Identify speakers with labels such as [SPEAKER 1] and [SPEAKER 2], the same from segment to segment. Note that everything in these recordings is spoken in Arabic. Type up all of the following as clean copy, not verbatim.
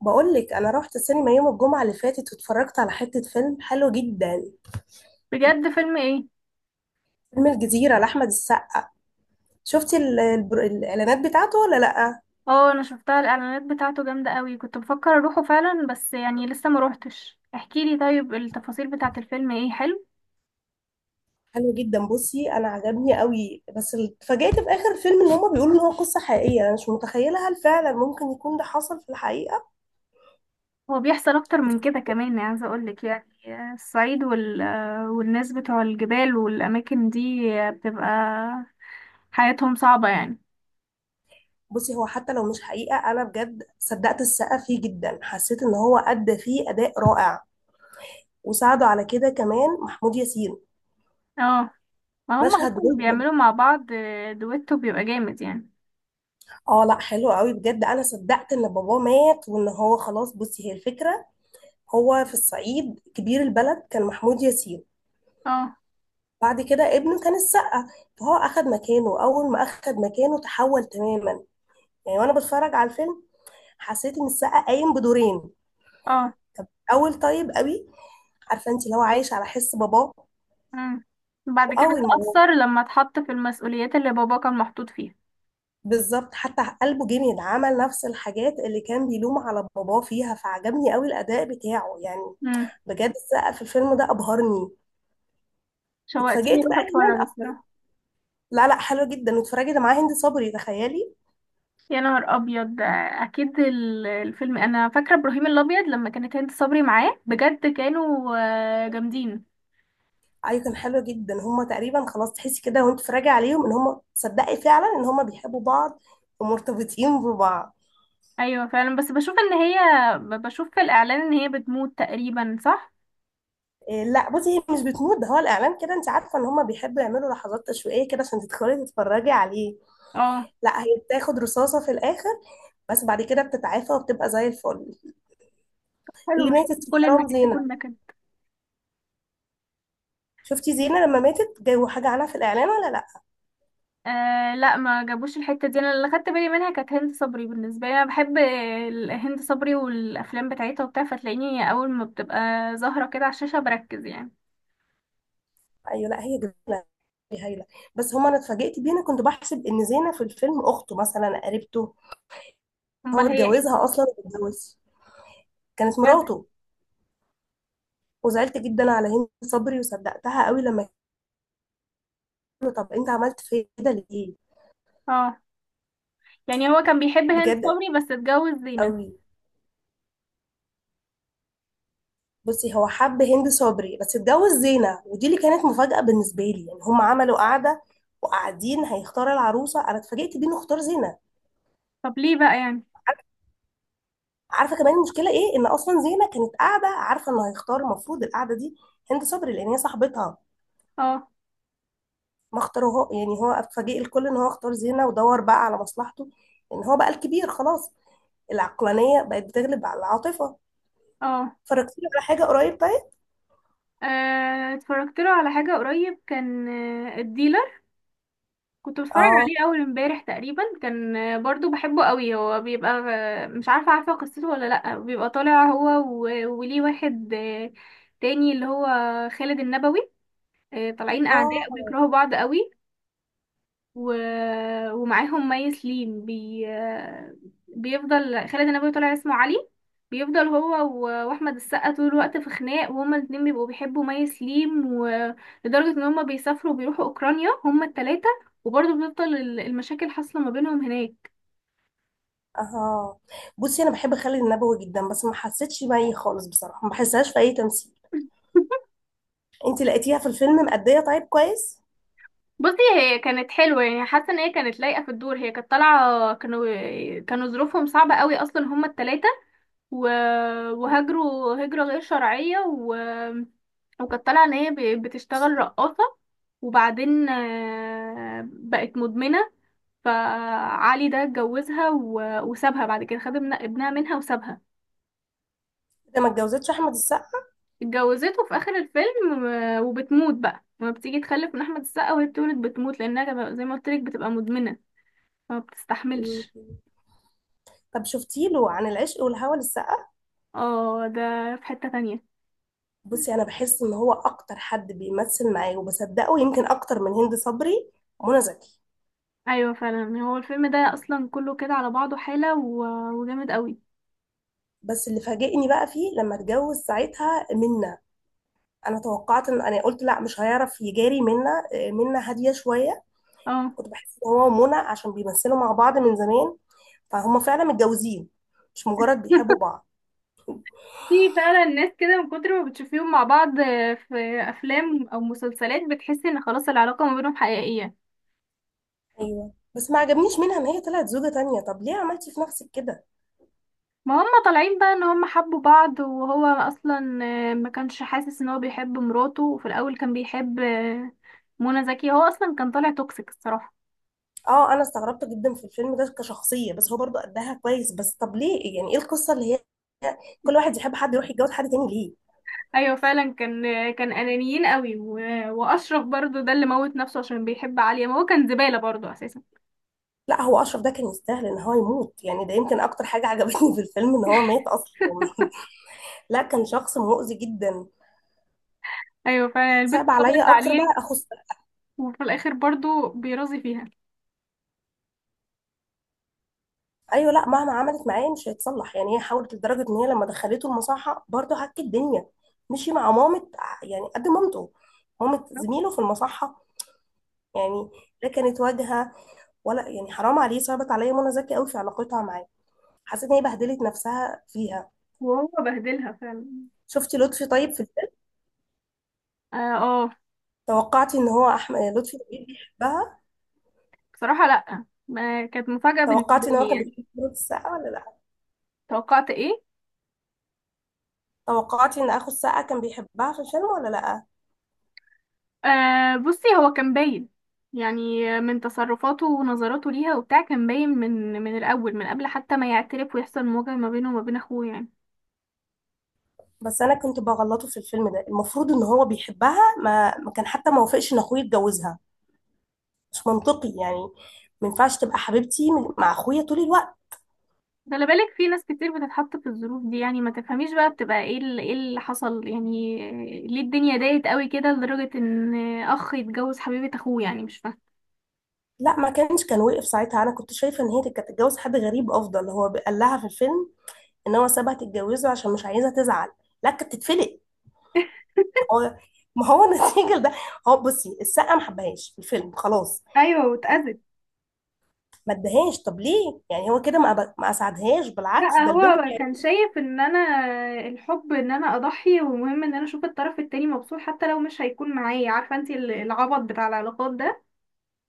[SPEAKER 1] بقولك انا رحت السينما يوم الجمعه اللي فاتت واتفرجت على حته فيلم حلو جدا.
[SPEAKER 2] بجد، فيلم ايه؟
[SPEAKER 1] فيلم الجزيره لاحمد السقا. شفتي الاعلانات بتاعته ولا لا؟
[SPEAKER 2] اه، انا شفتها الاعلانات بتاعته جامده قوي، كنت بفكر اروحه فعلا بس يعني لسه ما روحتش. احكي لي طيب، التفاصيل بتاعه الفيلم ايه؟ حلو؟
[SPEAKER 1] حلو جدا. بصي، انا عجبني قوي، بس اتفاجئت في اخر الفيلم ان هما بيقولوا ان هو قصه حقيقيه. انا مش متخيله، هل فعلا ممكن يكون ده حصل في الحقيقه؟
[SPEAKER 2] هو بيحصل اكتر من كده كمان، يعني عايزه اقول لك يعني الصعيد والناس بتوع الجبال والاماكن دي بتبقى حياتهم صعبه يعني.
[SPEAKER 1] بصي، هو حتى لو مش حقيقه انا بجد صدقت السقا فيه جدا، حسيت ان هو ادى فيه اداء رائع، وساعده على كده كمان محمود ياسين.
[SPEAKER 2] اه، ما هم
[SPEAKER 1] مشهد.
[SPEAKER 2] اصلا بيعملوا مع بعض دويتو بيبقى جامد يعني.
[SPEAKER 1] اه لا، حلو قوي بجد. انا صدقت ان باباه مات وان هو خلاص. بصي، هي الفكره: هو في الصعيد كبير البلد كان محمود ياسين،
[SPEAKER 2] اه.
[SPEAKER 1] بعد كده ابنه كان السقا، فهو اخد مكانه. اول ما اخد مكانه تحول تماما، يعني وانا بتفرج على الفيلم حسيت ان السقا قايم بدورين.
[SPEAKER 2] اه.
[SPEAKER 1] اول طيب قوي، عارفه انت، اللي هو عايش على حس باباه.
[SPEAKER 2] مم. بعد كده
[SPEAKER 1] واول ما هو
[SPEAKER 2] اتأثر لما اتحط في المسؤوليات اللي بابا كان محطوط فيها.
[SPEAKER 1] بالظبط حتى قلبه جميل، عمل نفس الحاجات اللي كان بيلوم على باباه فيها، فعجبني قوي الاداء بتاعه يعني. بجد السقا في الفيلم ده ابهرني.
[SPEAKER 2] شوقتيني
[SPEAKER 1] اتفاجئت
[SPEAKER 2] اروح
[SPEAKER 1] بقى
[SPEAKER 2] اتفرج
[SPEAKER 1] كمان.
[SPEAKER 2] الصراحه.
[SPEAKER 1] لا لا، حلوه جدا. واتفرجت معاه هند صبري تخيلي.
[SPEAKER 2] يا نهار ابيض ده! اكيد الفيلم انا فاكره ابراهيم الابيض، لما كانت هند صبري معاه بجد كانوا جامدين.
[SPEAKER 1] ايوه كان حلو جدا. هما تقريبا خلاص تحسي كده وانت بتتفرجي عليهم ان هما تصدقي فعلا ان هما بيحبوا بعض ومرتبطين ببعض.
[SPEAKER 2] ايوه فعلا، بس بشوف ان هي بشوف في الاعلان ان هي بتموت تقريبا، صح؟
[SPEAKER 1] إيه لا بصي، هي مش بتموت. ده هو الاعلان كده، انت عارفه ان هما بيحبوا يعملوا لحظات تشويقيه كده عشان تدخلي تتفرجي عليه.
[SPEAKER 2] اه،
[SPEAKER 1] لا، هي بتاخد رصاصه في الاخر، بس بعد كده بتتعافى وبتبقى زي الفل.
[SPEAKER 2] حلو،
[SPEAKER 1] اللي
[SPEAKER 2] مش
[SPEAKER 1] ماتت
[SPEAKER 2] لازم
[SPEAKER 1] في
[SPEAKER 2] كل
[SPEAKER 1] حرام
[SPEAKER 2] النكد
[SPEAKER 1] زينه.
[SPEAKER 2] تكون نكد.
[SPEAKER 1] شفتي زينه لما ماتت جابوا حاجه عنها في الاعلان ولا لا؟
[SPEAKER 2] آه لا، ما جابوش الحته دي، انا اللي خدت بالي منها كانت هند صبري. بالنسبه لي انا بحب هند صبري والافلام بتاعتها وبتاع، فتلاقيني اول ما بتبقى ظاهره كده على الشاشه بركز يعني.
[SPEAKER 1] ايوه. لا هي جميله، هي هايله. بس هما انا اتفاجئت بيه، انا كنت بحسب ان زينه في الفيلم اخته مثلا، قريبته.
[SPEAKER 2] امال
[SPEAKER 1] هو
[SPEAKER 2] هي ايه؟
[SPEAKER 1] اتجوزها اصلا، واتجوز، كانت
[SPEAKER 2] بجد؟
[SPEAKER 1] مراته. وزعلت جدا على هند صبري وصدقتها قوي لما قالوا طب انت عملت في كده ليه.
[SPEAKER 2] اه. يعني هو كان بيحب هند
[SPEAKER 1] بجد،
[SPEAKER 2] صبري بس اتجوز زينة؟
[SPEAKER 1] قوي. بصي، هو حب هند صبري بس اتجوز زينه، ودي اللي كانت مفاجاه بالنسبه لي. يعني هما عملوا قعده وقاعدين هيختار العروسه، انا اتفاجئت بيه انه اختار زينه.
[SPEAKER 2] طب ليه بقى يعني؟
[SPEAKER 1] عارفه كمان المشكله ايه؟ ان اصلا زينه كانت قاعده عارفه انه هيختار. المفروض القعده دي هند صبري، لان هي صاحبتها،
[SPEAKER 2] اه.
[SPEAKER 1] ما اختاروها. يعني هو اتفاجئ الكل ان هو اختار زينه، ودور بقى على مصلحته، ان هو بقى الكبير خلاص. العقلانيه بقت بتغلب على العاطفه.
[SPEAKER 2] اه.
[SPEAKER 1] اتفرجتي على حاجه قريب طيب؟
[SPEAKER 2] اتفرجت له على حاجة قريب، كان الديلر. كنت بتفرج
[SPEAKER 1] اه
[SPEAKER 2] عليه أول امبارح تقريبا، كان برضو بحبه قوي. هو بيبقى مش عارفة، عارفة قصته ولا لأ؟ بيبقى طالع هو وليه واحد تاني اللي هو خالد النبوي، طالعين أعداء
[SPEAKER 1] اه
[SPEAKER 2] بيكرهوا بعض قوي و... ومعاهم مي سليم بيفضل خالد النبوي طلع اسمه علي، بيفضل هو واحمد السقا طول الوقت في خناق، وهما الاتنين بيبقوا بيحبوا مي سليم، ولدرجة ان هما بيسافروا وبيروحوا اوكرانيا هما التلاتة، وبرضه بتفضل المشاكل حاصلة ما بينهم هناك.
[SPEAKER 1] اه. بصي، انا بحب خالد النبوي جدا، بس ما حسيتش بيه خالص بصراحه، ما بحسهاش في اي تمثيل. انت لقيتيها في الفيلم مأديه؟ طيب كويس.
[SPEAKER 2] بصي هي كانت حلوة يعني، حاسة ان هي كانت لايقة في الدور، هي كانت طالعة كانوا ظروفهم صعبة قوي اصلا هما التلاتة، و- وهاجروا هجرة غير شرعية وكانت طالعة ان هي بتشتغل رقاصة، وبعدين بقت مدمنة. فعلي ده اتجوزها وسابها بعد كده، خد ابنها منها وسابها.
[SPEAKER 1] ده ما اتجوزتش احمد السقا؟
[SPEAKER 2] اتجوزته في اخر الفيلم، وبتموت بقى لما بتيجي تخلف من احمد السقا، وهي بتولد بتموت لانها زي ما قلت لك بتبقى مدمنة فما
[SPEAKER 1] مم.
[SPEAKER 2] بتستحملش.
[SPEAKER 1] طب شفتي له عن العشق والهوى للسقا؟
[SPEAKER 2] اه، ده في حتة تانية.
[SPEAKER 1] بصي، انا بحس ان هو اكتر حد بيمثل معايا وبصدقه، يمكن اكتر من هند صبري. منى زكي.
[SPEAKER 2] ايوه فعلا، هو الفيلم ده اصلا كله كده على بعضه حالة وجامد قوي.
[SPEAKER 1] بس اللي فاجئني بقى فيه لما اتجوز ساعتها منى، انا توقعت، ان انا قلت لا مش هيعرف يجاري منى. منى هاديه شويه.
[SPEAKER 2] اه.
[SPEAKER 1] كنت بحس ان هو ومنى عشان بيمثلوا مع بعض من زمان، فهم فعلا متجوزين مش مجرد بيحبوا بعض.
[SPEAKER 2] في فعلا ناس كده من كتر ما بتشوفيهم مع بعض في افلام او مسلسلات بتحسي ان خلاص العلاقه ما بينهم حقيقيه.
[SPEAKER 1] ايوه، بس ما عجبنيش منها ان هي طلعت زوجة تانية. طب ليه عملتي في نفسك كده؟
[SPEAKER 2] ما هم طالعين بقى ان هم حبوا بعض، وهو اصلا ما كانش حاسس ان هو بيحب مراته، وفي الاول كان بيحب منى زكي. هو اصلا كان طالع توكسيك الصراحه.
[SPEAKER 1] اه، انا استغربت جدا في الفيلم ده كشخصية، بس هو برضو قدها كويس. بس طب ليه؟ يعني ايه القصة اللي كل واحد يحب حد يروح يتجوز حد تاني ليه؟
[SPEAKER 2] ايوه فعلا، كان كان انانيين قوي، واشرف برضو ده اللي موت نفسه عشان بيحب عليا، ما هو كان زباله برضو اساسا.
[SPEAKER 1] لا، هو اشرف ده كان يستاهل ان هو يموت يعني. ده يمكن اكتر حاجه عجبتني في الفيلم ان هو مات اصلا لا، كان شخص مؤذي جدا.
[SPEAKER 2] ايوه فعلا، البنت
[SPEAKER 1] صعب
[SPEAKER 2] طبقت
[SPEAKER 1] عليا اكتر
[SPEAKER 2] عليه.
[SPEAKER 1] بقى اخو السقا.
[SPEAKER 2] وفي الاخر برضو بيرازي فيها.
[SPEAKER 1] ايوه. لا مهما عملت معاه مش هيتصلح يعني. هي حاولت لدرجه ان هي لما دخلته المصحه برضه هك الدنيا، مشي مع مامة يعني قد مامته، مامة زميله في المصحه يعني. لا، كانت واجهه، ولا يعني حرام عليه. صعبت عليا منى زكي قوي في علاقتها معاه، حسيت ان هي بهدلت نفسها فيها.
[SPEAKER 2] وهو بهدلها فعلا.
[SPEAKER 1] شفتي لطفي طيب في؟
[SPEAKER 2] اه. آه.
[SPEAKER 1] توقعتي ان هو احمد لطفي لبيب بيحبها؟
[SPEAKER 2] بصراحة لأ، ما كانت مفاجأة بالنسبة
[SPEAKER 1] توقعتي ان هو
[SPEAKER 2] لي
[SPEAKER 1] كان
[SPEAKER 2] يعني.
[SPEAKER 1] بيحب كرة السقا ولا لا؟
[SPEAKER 2] توقعت ايه؟
[SPEAKER 1] توقعتي ان اخو السقا كان بيحبها في الفيلم ولا لا؟
[SPEAKER 2] آه، بصي هو كان باين يعني، من تصرفاته ونظراته ليها وبتاع، كان باين من الأول، من قبل حتى ما يعترف ويحصل مواجهة ما بينه وما بين أخوه يعني.
[SPEAKER 1] بس انا كنت بغلطه في الفيلم ده. المفروض ان هو بيحبها، ما كان، حتى ما وافقش ان اخوه يتجوزها. مش منطقي يعني. ما ينفعش تبقى حبيبتي مع اخويا طول الوقت.
[SPEAKER 2] خلي بالك، في ناس كتير بتتحط في الظروف دي يعني، ما تفهميش بقى بتبقى ايه ايه اللي حصل يعني. ليه الدنيا ضاقت قوي كده لدرجة ان اخ يتجوز حبيبة اخوه؟ يعني مش فاهمة.
[SPEAKER 1] لا ما كانش، كان وقف ساعتها. انا كنت شايفه ان هي كانت تتجوز حد غريب افضل. هو قال لها في الفيلم ان هو سابها تتجوزه عشان مش عايزها تزعل. لا كانت تتفلق. هو، ما هو النتيجه ده. هو بصي السقه ما حبهاش في الفيلم خلاص،
[SPEAKER 2] ايوه، واتأذت.
[SPEAKER 1] ما ادهاش. طب ليه يعني هو كده، ما اسعدهاش؟
[SPEAKER 2] لا،
[SPEAKER 1] بالعكس ده البنت
[SPEAKER 2] هو
[SPEAKER 1] يعني.
[SPEAKER 2] كان شايف ان انا الحب ان انا اضحي، ومهم ان انا اشوف الطرف التاني مبسوط حتى لو مش هيكون معايا، عارفه انت العبط بتاع العلاقات ده.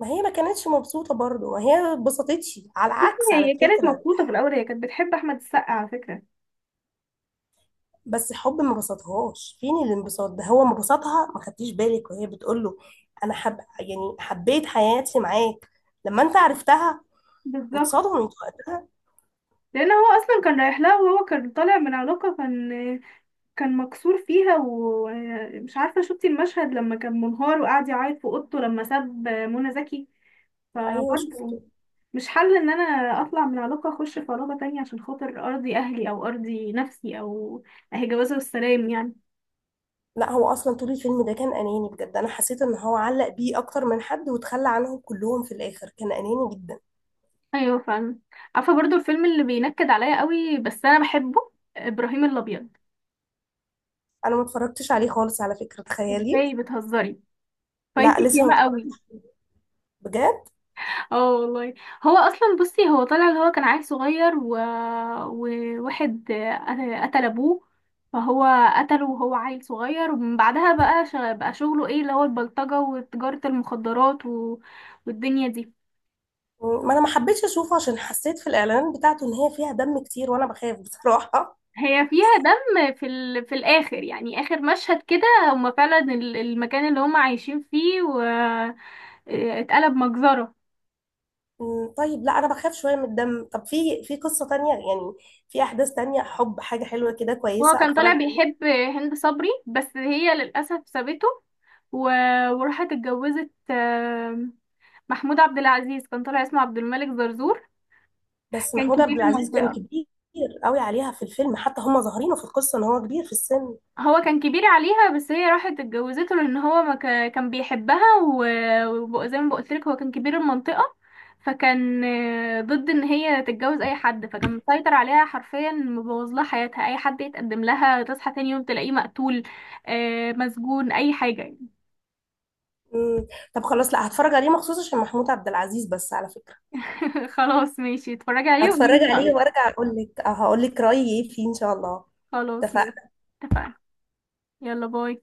[SPEAKER 1] ما هي ما كانتش مبسوطه برضه، ما هي ما اتبسطتش على العكس على
[SPEAKER 2] هي كانت
[SPEAKER 1] فكره.
[SPEAKER 2] مبسوطه في الاول، هي كانت بتحب احمد السقا على فكره.
[SPEAKER 1] بس حب ما بسطهاش، فين الانبساط ده؟ هو ما بسطها. ما خدتيش بالك وهي بتقول له انا حب يعني حبيت حياتي معاك لما انت عرفتها
[SPEAKER 2] بالظبط،
[SPEAKER 1] واتصدمت وقتها.
[SPEAKER 2] لان هو اصلا كان رايح لها، وهو كان طالع من علاقه كان مكسور فيها. ومش عارفه شفتي المشهد لما كان منهار وقعد يعيط في اوضته لما ساب منى زكي؟
[SPEAKER 1] ايوه شفته.
[SPEAKER 2] فبرضه مش حل ان انا اطلع من علاقة اخش في علاقة تانية عشان خاطر ارضي اهلي او ارضي نفسي، او اهي جوازة والسلام يعني.
[SPEAKER 1] لا هو اصلا طول الفيلم ده كان اناني بجد. انا حسيت ان هو علق بيه اكتر من حد وتخلى عنهم كلهم في الاخر، كان اناني جدا.
[SPEAKER 2] ايوه فاهم. عارفة برضو الفيلم اللي بينكد عليا قوي بس انا بحبه؟ ابراهيم الابيض.
[SPEAKER 1] انا ما اتفرجتش عليه خالص على فكرة، تخيلي.
[SPEAKER 2] ازاي، بتهزري؟
[SPEAKER 1] لا
[SPEAKER 2] فايتك
[SPEAKER 1] لسه ما
[SPEAKER 2] ياما قوي.
[SPEAKER 1] اتفرجتش عليه. بجد.
[SPEAKER 2] اه والله. هو اصلا بصي، هو طلع اللي هو كان عيل صغير وواحد قتل ابوه، فهو قتله وهو عيل صغير. ومن بعدها بقى بقى شغله ايه، اللي هو البلطجة وتجارة المخدرات والدنيا دي.
[SPEAKER 1] ما انا ما حبيتش اشوفه عشان حسيت في الاعلانات بتاعته ان هي فيها دم كتير، وانا بخاف بصراحة.
[SPEAKER 2] هي فيها دم في الاخر، يعني اخر مشهد كده هما فعلا المكان اللي هما عايشين فيه و... آه، اتقلب مجزرة.
[SPEAKER 1] طيب لا انا بخاف شوية من الدم. طب في قصة تانية يعني، في احداث تانية، حب حاجة حلوة كده
[SPEAKER 2] هو
[SPEAKER 1] كويسة
[SPEAKER 2] كان طالع
[SPEAKER 1] اتفرج عليها؟
[SPEAKER 2] بيحب هند صبري بس هي للأسف سابته و... وراحت اتجوزت محمود عبد العزيز، كان طالع اسمه عبد الملك زرزور.
[SPEAKER 1] بس
[SPEAKER 2] كان
[SPEAKER 1] محمود
[SPEAKER 2] كبير
[SPEAKER 1] عبد العزيز كان
[SPEAKER 2] المنطقة.
[SPEAKER 1] كبير قوي عليها في الفيلم، حتى هم ظاهرينه في القصة ان هو كبير في السن.
[SPEAKER 2] هو كان كبير عليها بس هي راحت اتجوزته، لأن هو ما ك... كان بيحبها، وزي ما بقولتلك هو كان كبير المنطقة، فكان ضد ان هي تتجوز اي حد، فكان مسيطر عليها حرفيا، مبوظ لها حياتها، اي حد يتقدم لها تصحى تاني يوم تلاقيه مقتول، مسجون، اي حاجة.
[SPEAKER 1] مم. طب خلاص لا، هتفرج عليه مخصوص عشان محمود عبد العزيز بس على فكرة.
[SPEAKER 2] خلاص ماشي، اتفرجي عليه وقولي
[SPEAKER 1] هتفرج
[SPEAKER 2] لي
[SPEAKER 1] عليه
[SPEAKER 2] رأيك.
[SPEAKER 1] وارجع اقول لك، هقول لك رأيي ايه فيه ان شاء الله.
[SPEAKER 2] خلاص ماشي.
[SPEAKER 1] اتفقنا.
[SPEAKER 2] اتفقنا. يلا، باي.